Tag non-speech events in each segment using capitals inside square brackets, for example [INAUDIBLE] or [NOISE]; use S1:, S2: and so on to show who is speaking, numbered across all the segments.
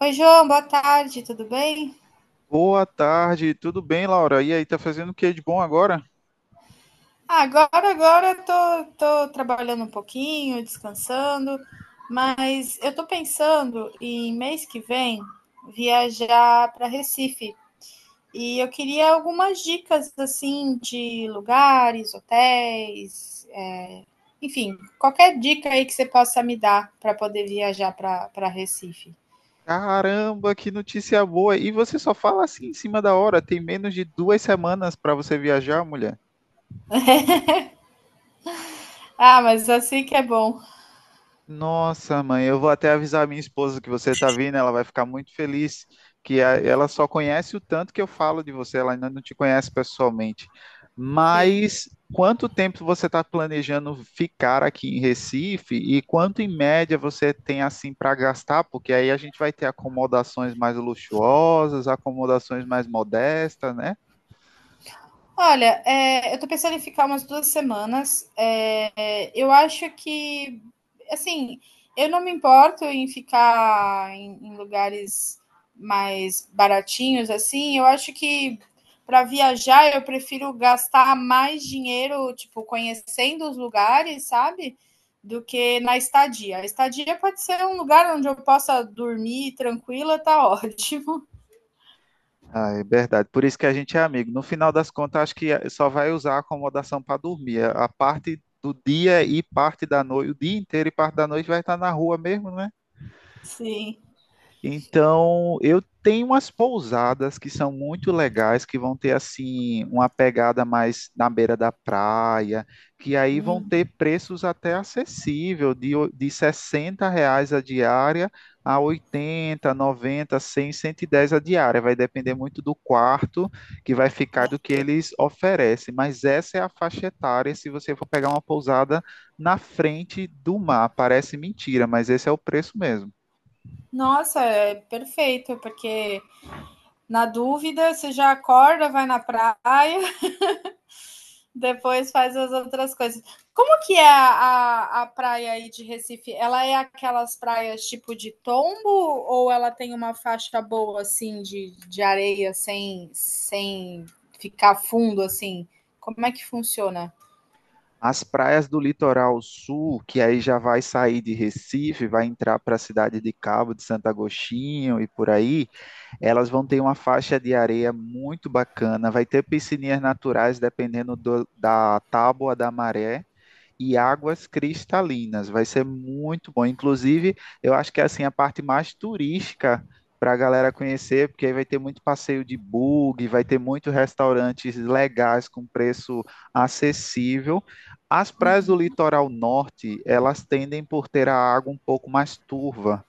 S1: Oi, João, boa tarde, tudo bem?
S2: Boa tarde, tudo bem, Laura? E aí, tá fazendo o que de bom agora?
S1: Ah, agora eu tô trabalhando um pouquinho, descansando, mas eu tô pensando em mês que vem viajar para Recife e eu queria algumas dicas assim de lugares, hotéis, enfim, qualquer dica aí que você possa me dar para poder viajar para Recife.
S2: Caramba, que notícia boa! E você só fala assim em cima da hora, tem menos de 2 semanas para você viajar, mulher.
S1: Ah, mas assim que é bom.
S2: Nossa, mãe, eu vou até avisar a minha esposa que você está vindo, ela vai ficar muito feliz, que ela só conhece o tanto que eu falo de você, ela ainda não te conhece pessoalmente.
S1: Sim.
S2: Mas quanto tempo você está planejando ficar aqui em Recife e quanto em média você tem assim para gastar? Porque aí a gente vai ter acomodações mais luxuosas, acomodações mais modestas, né?
S1: Olha, eu tô pensando em ficar umas 2 semanas. É, eu acho que, assim, eu não me importo em ficar em lugares mais baratinhos, assim. Eu acho que para viajar eu prefiro gastar mais dinheiro, tipo, conhecendo os lugares, sabe? Do que na estadia. A estadia pode ser um lugar onde eu possa dormir tranquila, tá [LAUGHS] ótimo.
S2: Ah, é verdade. Por isso que a gente é amigo. No final das contas, acho que só vai usar a acomodação para dormir. A parte do dia e parte da noite, o dia inteiro e parte da noite vai estar na rua mesmo, né?
S1: Sim.
S2: Então, eu tenho umas pousadas que são muito legais, que vão ter assim uma pegada mais na beira da praia, que aí vão
S1: Hum.
S2: ter preços até acessível, de R$ 60 a diária a 80, 90, 100, 110 a diária. Vai depender muito do quarto que vai ficar e do que eles oferecem. Mas essa é a faixa etária se você for pegar uma pousada na frente do mar. Parece mentira, mas esse é o preço mesmo.
S1: Nossa, é perfeito, porque na dúvida, você já acorda, vai na praia, [LAUGHS] depois faz as outras coisas. Como que é a praia aí de Recife? Ela é aquelas praias tipo de tombo ou ela tem uma faixa boa assim de areia sem ficar fundo assim? Como é que funciona?
S2: As praias do litoral sul, que aí já vai sair de Recife, vai entrar para a cidade de Cabo de Santo Agostinho e por aí, elas vão ter uma faixa de areia muito bacana, vai ter piscininhas naturais dependendo da tábua da maré e águas cristalinas. Vai ser muito bom. Inclusive, eu acho que é assim a parte mais turística para a galera conhecer, porque aí vai ter muito passeio de bug, vai ter muitos restaurantes legais com preço acessível. As praias do litoral norte, elas tendem por ter a água um pouco mais turva.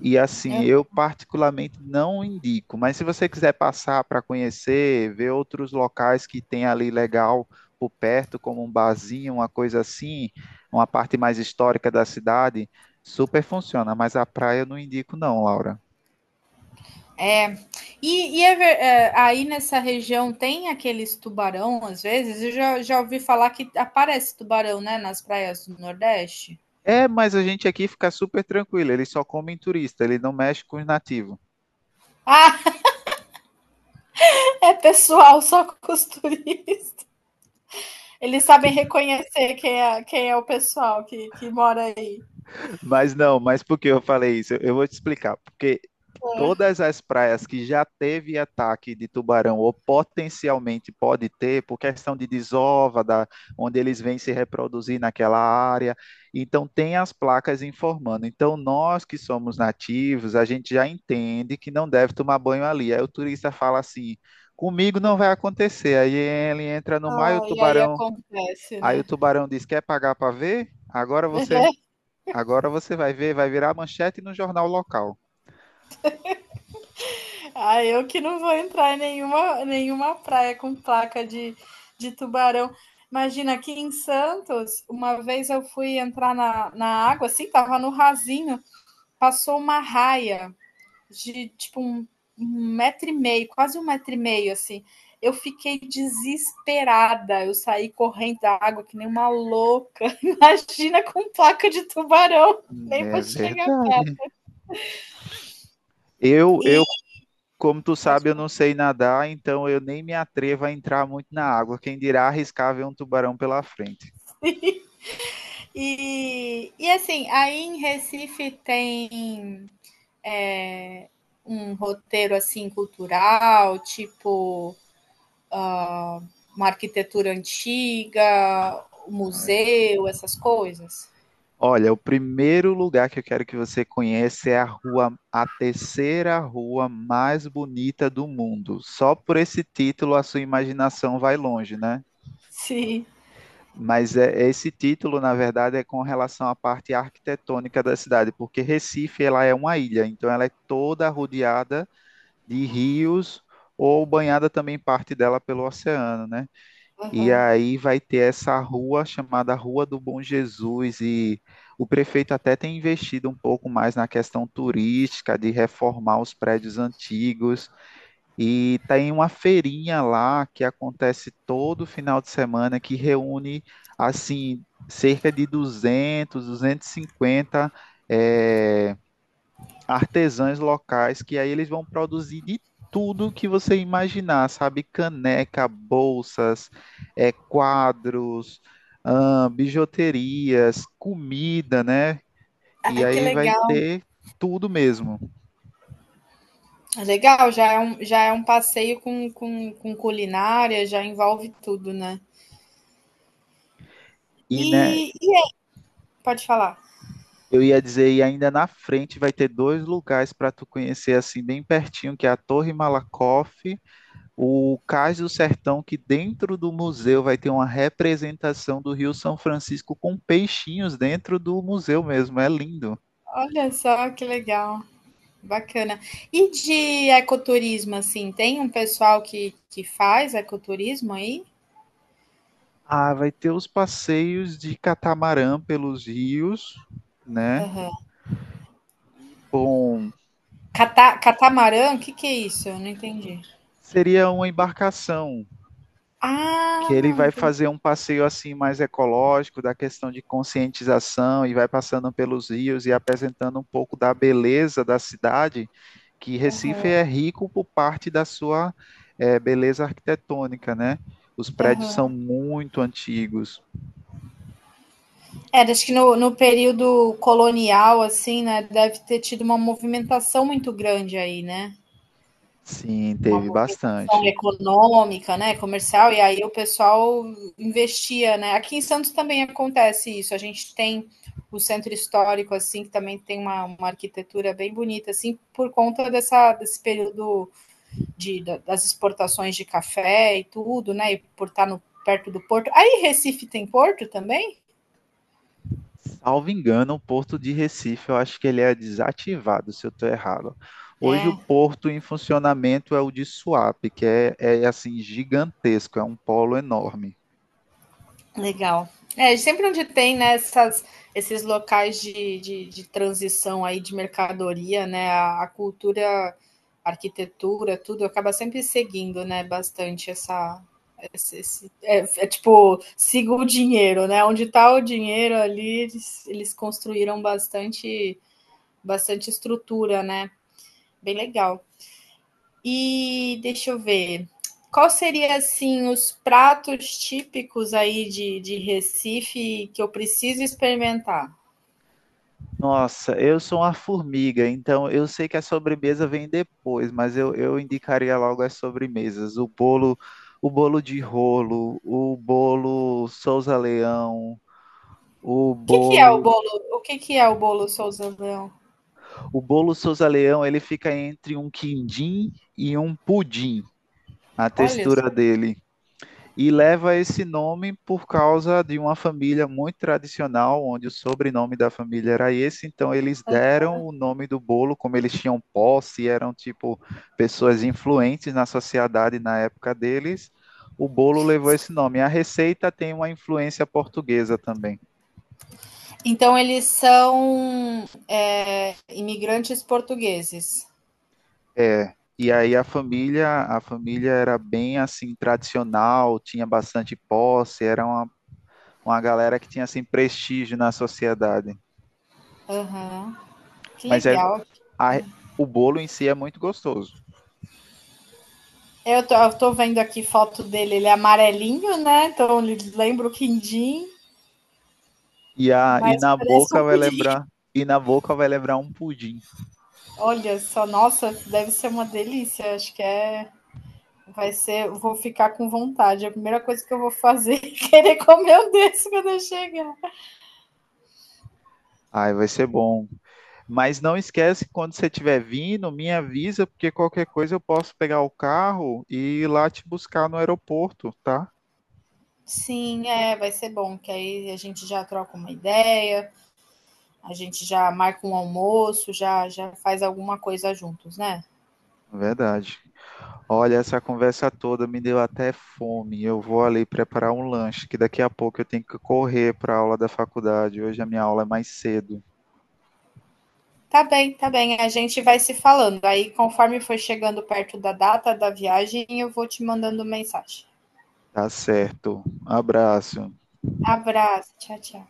S2: E assim, eu particularmente não indico, mas se você quiser passar para conhecer, ver outros locais que tem ali legal por perto, como um barzinho, uma coisa assim, uma parte mais histórica da cidade, super funciona, mas a praia eu não indico não, Laura.
S1: É, aí nessa região tem aqueles tubarão, às vezes, eu já ouvi falar que aparece tubarão, né, nas praias do Nordeste.
S2: É, mas a gente aqui fica super tranquilo, eles só comem turista, ele não mexe com os nativos.
S1: Ah, é pessoal, só [LAUGHS] costureira. Eles sabem reconhecer quem é o pessoal que mora aí.
S2: Mas não, mas por que eu falei isso? Eu vou te explicar, porque
S1: É.
S2: todas as praias que já teve ataque de tubarão ou potencialmente pode ter, por questão de desova, da, onde eles vêm se reproduzir naquela área. Então, tem as placas informando. Então, nós que somos nativos, a gente já entende que não deve tomar banho ali. Aí o turista fala assim: comigo não vai acontecer. Aí ele entra no mar e o
S1: Ah, e aí
S2: tubarão.
S1: acontece,
S2: Aí o
S1: né?
S2: tubarão diz: quer pagar para ver? Agora você.
S1: [LAUGHS]
S2: Agora você vai ver, vai virar manchete no jornal local.
S1: Ah, eu que não vou entrar em nenhuma praia com placa de tubarão. Imagina, aqui em Santos, uma vez eu fui entrar na água, assim, tava no rasinho, passou uma raia de tipo um metro e meio, quase um metro e meio, assim. Eu fiquei desesperada. Eu saí correndo da água que nem uma louca. [LAUGHS] Imagina com placa de tubarão. Nem vou
S2: É
S1: chegar
S2: verdade.
S1: perto.
S2: Eu,
S1: E,
S2: eu, como tu sabe, eu não sei nadar, então eu nem me atrevo a entrar muito na água. Quem dirá arriscar ver um tubarão pela frente.
S1: e assim, aí em Recife tem um roteiro assim cultural, tipo uma arquitetura antiga, um
S2: Ai.
S1: museu, essas coisas.
S2: Olha, o primeiro lugar que eu quero que você conheça é a rua, a terceira rua mais bonita do mundo. Só por esse título a sua imaginação vai longe, né?
S1: Sim.
S2: Mas é, esse título, na verdade, é com relação à parte arquitetônica da cidade, porque Recife ela é uma ilha, então ela é toda rodeada de rios ou banhada também parte dela pelo oceano, né? E
S1: Uhum.
S2: aí vai ter essa rua chamada Rua do Bom Jesus e o prefeito até tem investido um pouco mais na questão turística, de reformar os prédios antigos e tem uma feirinha lá que acontece todo final de semana que reúne assim cerca de 200, 250 eh, artesãs locais que aí eles vão produzir de tudo que você imaginar, sabe? Caneca, bolsas, é, quadros, bijuterias, comida, né? E
S1: Ai, que
S2: aí vai
S1: legal.
S2: ter tudo mesmo.
S1: É legal, já é um passeio com culinária, já envolve tudo, né?
S2: E, né,
S1: E, e- pode falar.
S2: eu ia dizer, e ainda na frente vai ter dois lugares para tu conhecer assim bem pertinho, que é a Torre Malakoff o Cais do Sertão, que dentro do museu vai ter uma representação do Rio São Francisco com peixinhos dentro do museu mesmo, é lindo.
S1: Olha só que legal, bacana. E de ecoturismo, assim, tem um pessoal que faz ecoturismo aí?
S2: Ah, vai ter os passeios de catamarã pelos rios, né?
S1: Aham.
S2: Bom,
S1: Catamarã, o que que é isso? Eu não entendi.
S2: seria uma embarcação que
S1: Ah,
S2: ele vai
S1: entendi.
S2: fazer um passeio assim mais ecológico, da questão de conscientização e vai passando pelos rios e apresentando um pouco da beleza da cidade, que Recife é rico por parte da sua beleza arquitetônica, né? Os prédios são
S1: Aham.
S2: muito antigos.
S1: É, acho que no período colonial, assim, né, deve ter tido uma movimentação muito grande aí, né?
S2: Sim,
S1: Uma
S2: teve
S1: movimentação
S2: bastante.
S1: econômica, né, comercial, e aí o pessoal investia, né? Aqui em Santos também acontece isso. A gente tem o centro histórico, assim, que também tem uma arquitetura bem bonita, assim, por conta dessa, desse período de, das exportações de café e tudo, né? E por estar no, perto do porto. Aí Recife tem porto também?
S2: Salvo engano, o Porto de Recife, eu acho que ele é desativado, se eu estou errado. Hoje o
S1: É.
S2: Porto em funcionamento é o de Suape, que é, é assim gigantesco, é um polo enorme.
S1: Legal. É, sempre onde tem, né, essas, esses locais de transição aí de mercadoria, né, a cultura, a arquitetura, tudo, acaba sempre seguindo, né, bastante essa... Esse, esse- é, é tipo, siga o dinheiro, né, onde está o dinheiro ali, eles construíram bastante, bastante estrutura, né, bem legal. E deixa eu ver. Qual seria assim os pratos típicos aí de Recife que eu preciso experimentar?
S2: Nossa, eu sou uma formiga, então eu sei que a sobremesa vem depois, mas eu indicaria logo as sobremesas. O bolo de rolo, o
S1: O que que é o
S2: bolo,
S1: bolo? O que que é o bolo Souza Leão?
S2: o bolo Souza Leão, ele fica entre um quindim e um pudim. A
S1: Olha só.
S2: textura dele. E leva esse nome por causa de uma família muito tradicional, onde o sobrenome da família era esse, então eles deram o nome do bolo, como eles tinham posse, eram tipo pessoas influentes na sociedade na época deles, o bolo levou esse nome. A receita tem uma influência portuguesa também.
S1: Então eles são imigrantes portugueses.
S2: É, e aí a família era bem assim tradicional, tinha bastante posse, era uma galera que tinha assim prestígio na sociedade.
S1: Aham, que
S2: Mas é,
S1: legal.
S2: a- o bolo em si é muito gostoso.
S1: Eu tô vendo aqui foto dele, ele é amarelinho, né? Então ele lembra o quindim,
S2: E, a,
S1: mas
S2: e na
S1: parece
S2: boca
S1: um
S2: vai
S1: pudim.
S2: lembrar, e na boca vai lembrar um pudim.
S1: Olha só, nossa, deve ser uma delícia. Acho que é Vai ser, vou ficar com vontade. É a primeira coisa que eu vou fazer [LAUGHS] é querer comer um desse quando eu chegar.
S2: Ai, vai ser bom. Mas não esquece, quando você estiver vindo, me avisa, porque qualquer coisa eu posso pegar o carro e ir lá te buscar no aeroporto, tá?
S1: Sim, vai ser bom, que aí a gente já troca uma ideia, a gente já marca um almoço, já faz alguma coisa juntos, né?
S2: Verdade. Olha, essa conversa toda me deu até fome. Eu vou ali preparar um lanche, que daqui a pouco eu tenho que correr para a aula da faculdade. Hoje a minha aula é mais cedo.
S1: Tá bem, tá bem. A gente vai se falando. Aí, conforme for chegando perto da data da viagem, eu vou te mandando mensagem.
S2: Tá certo. Abraço.
S1: Abraço, tchau, tchau.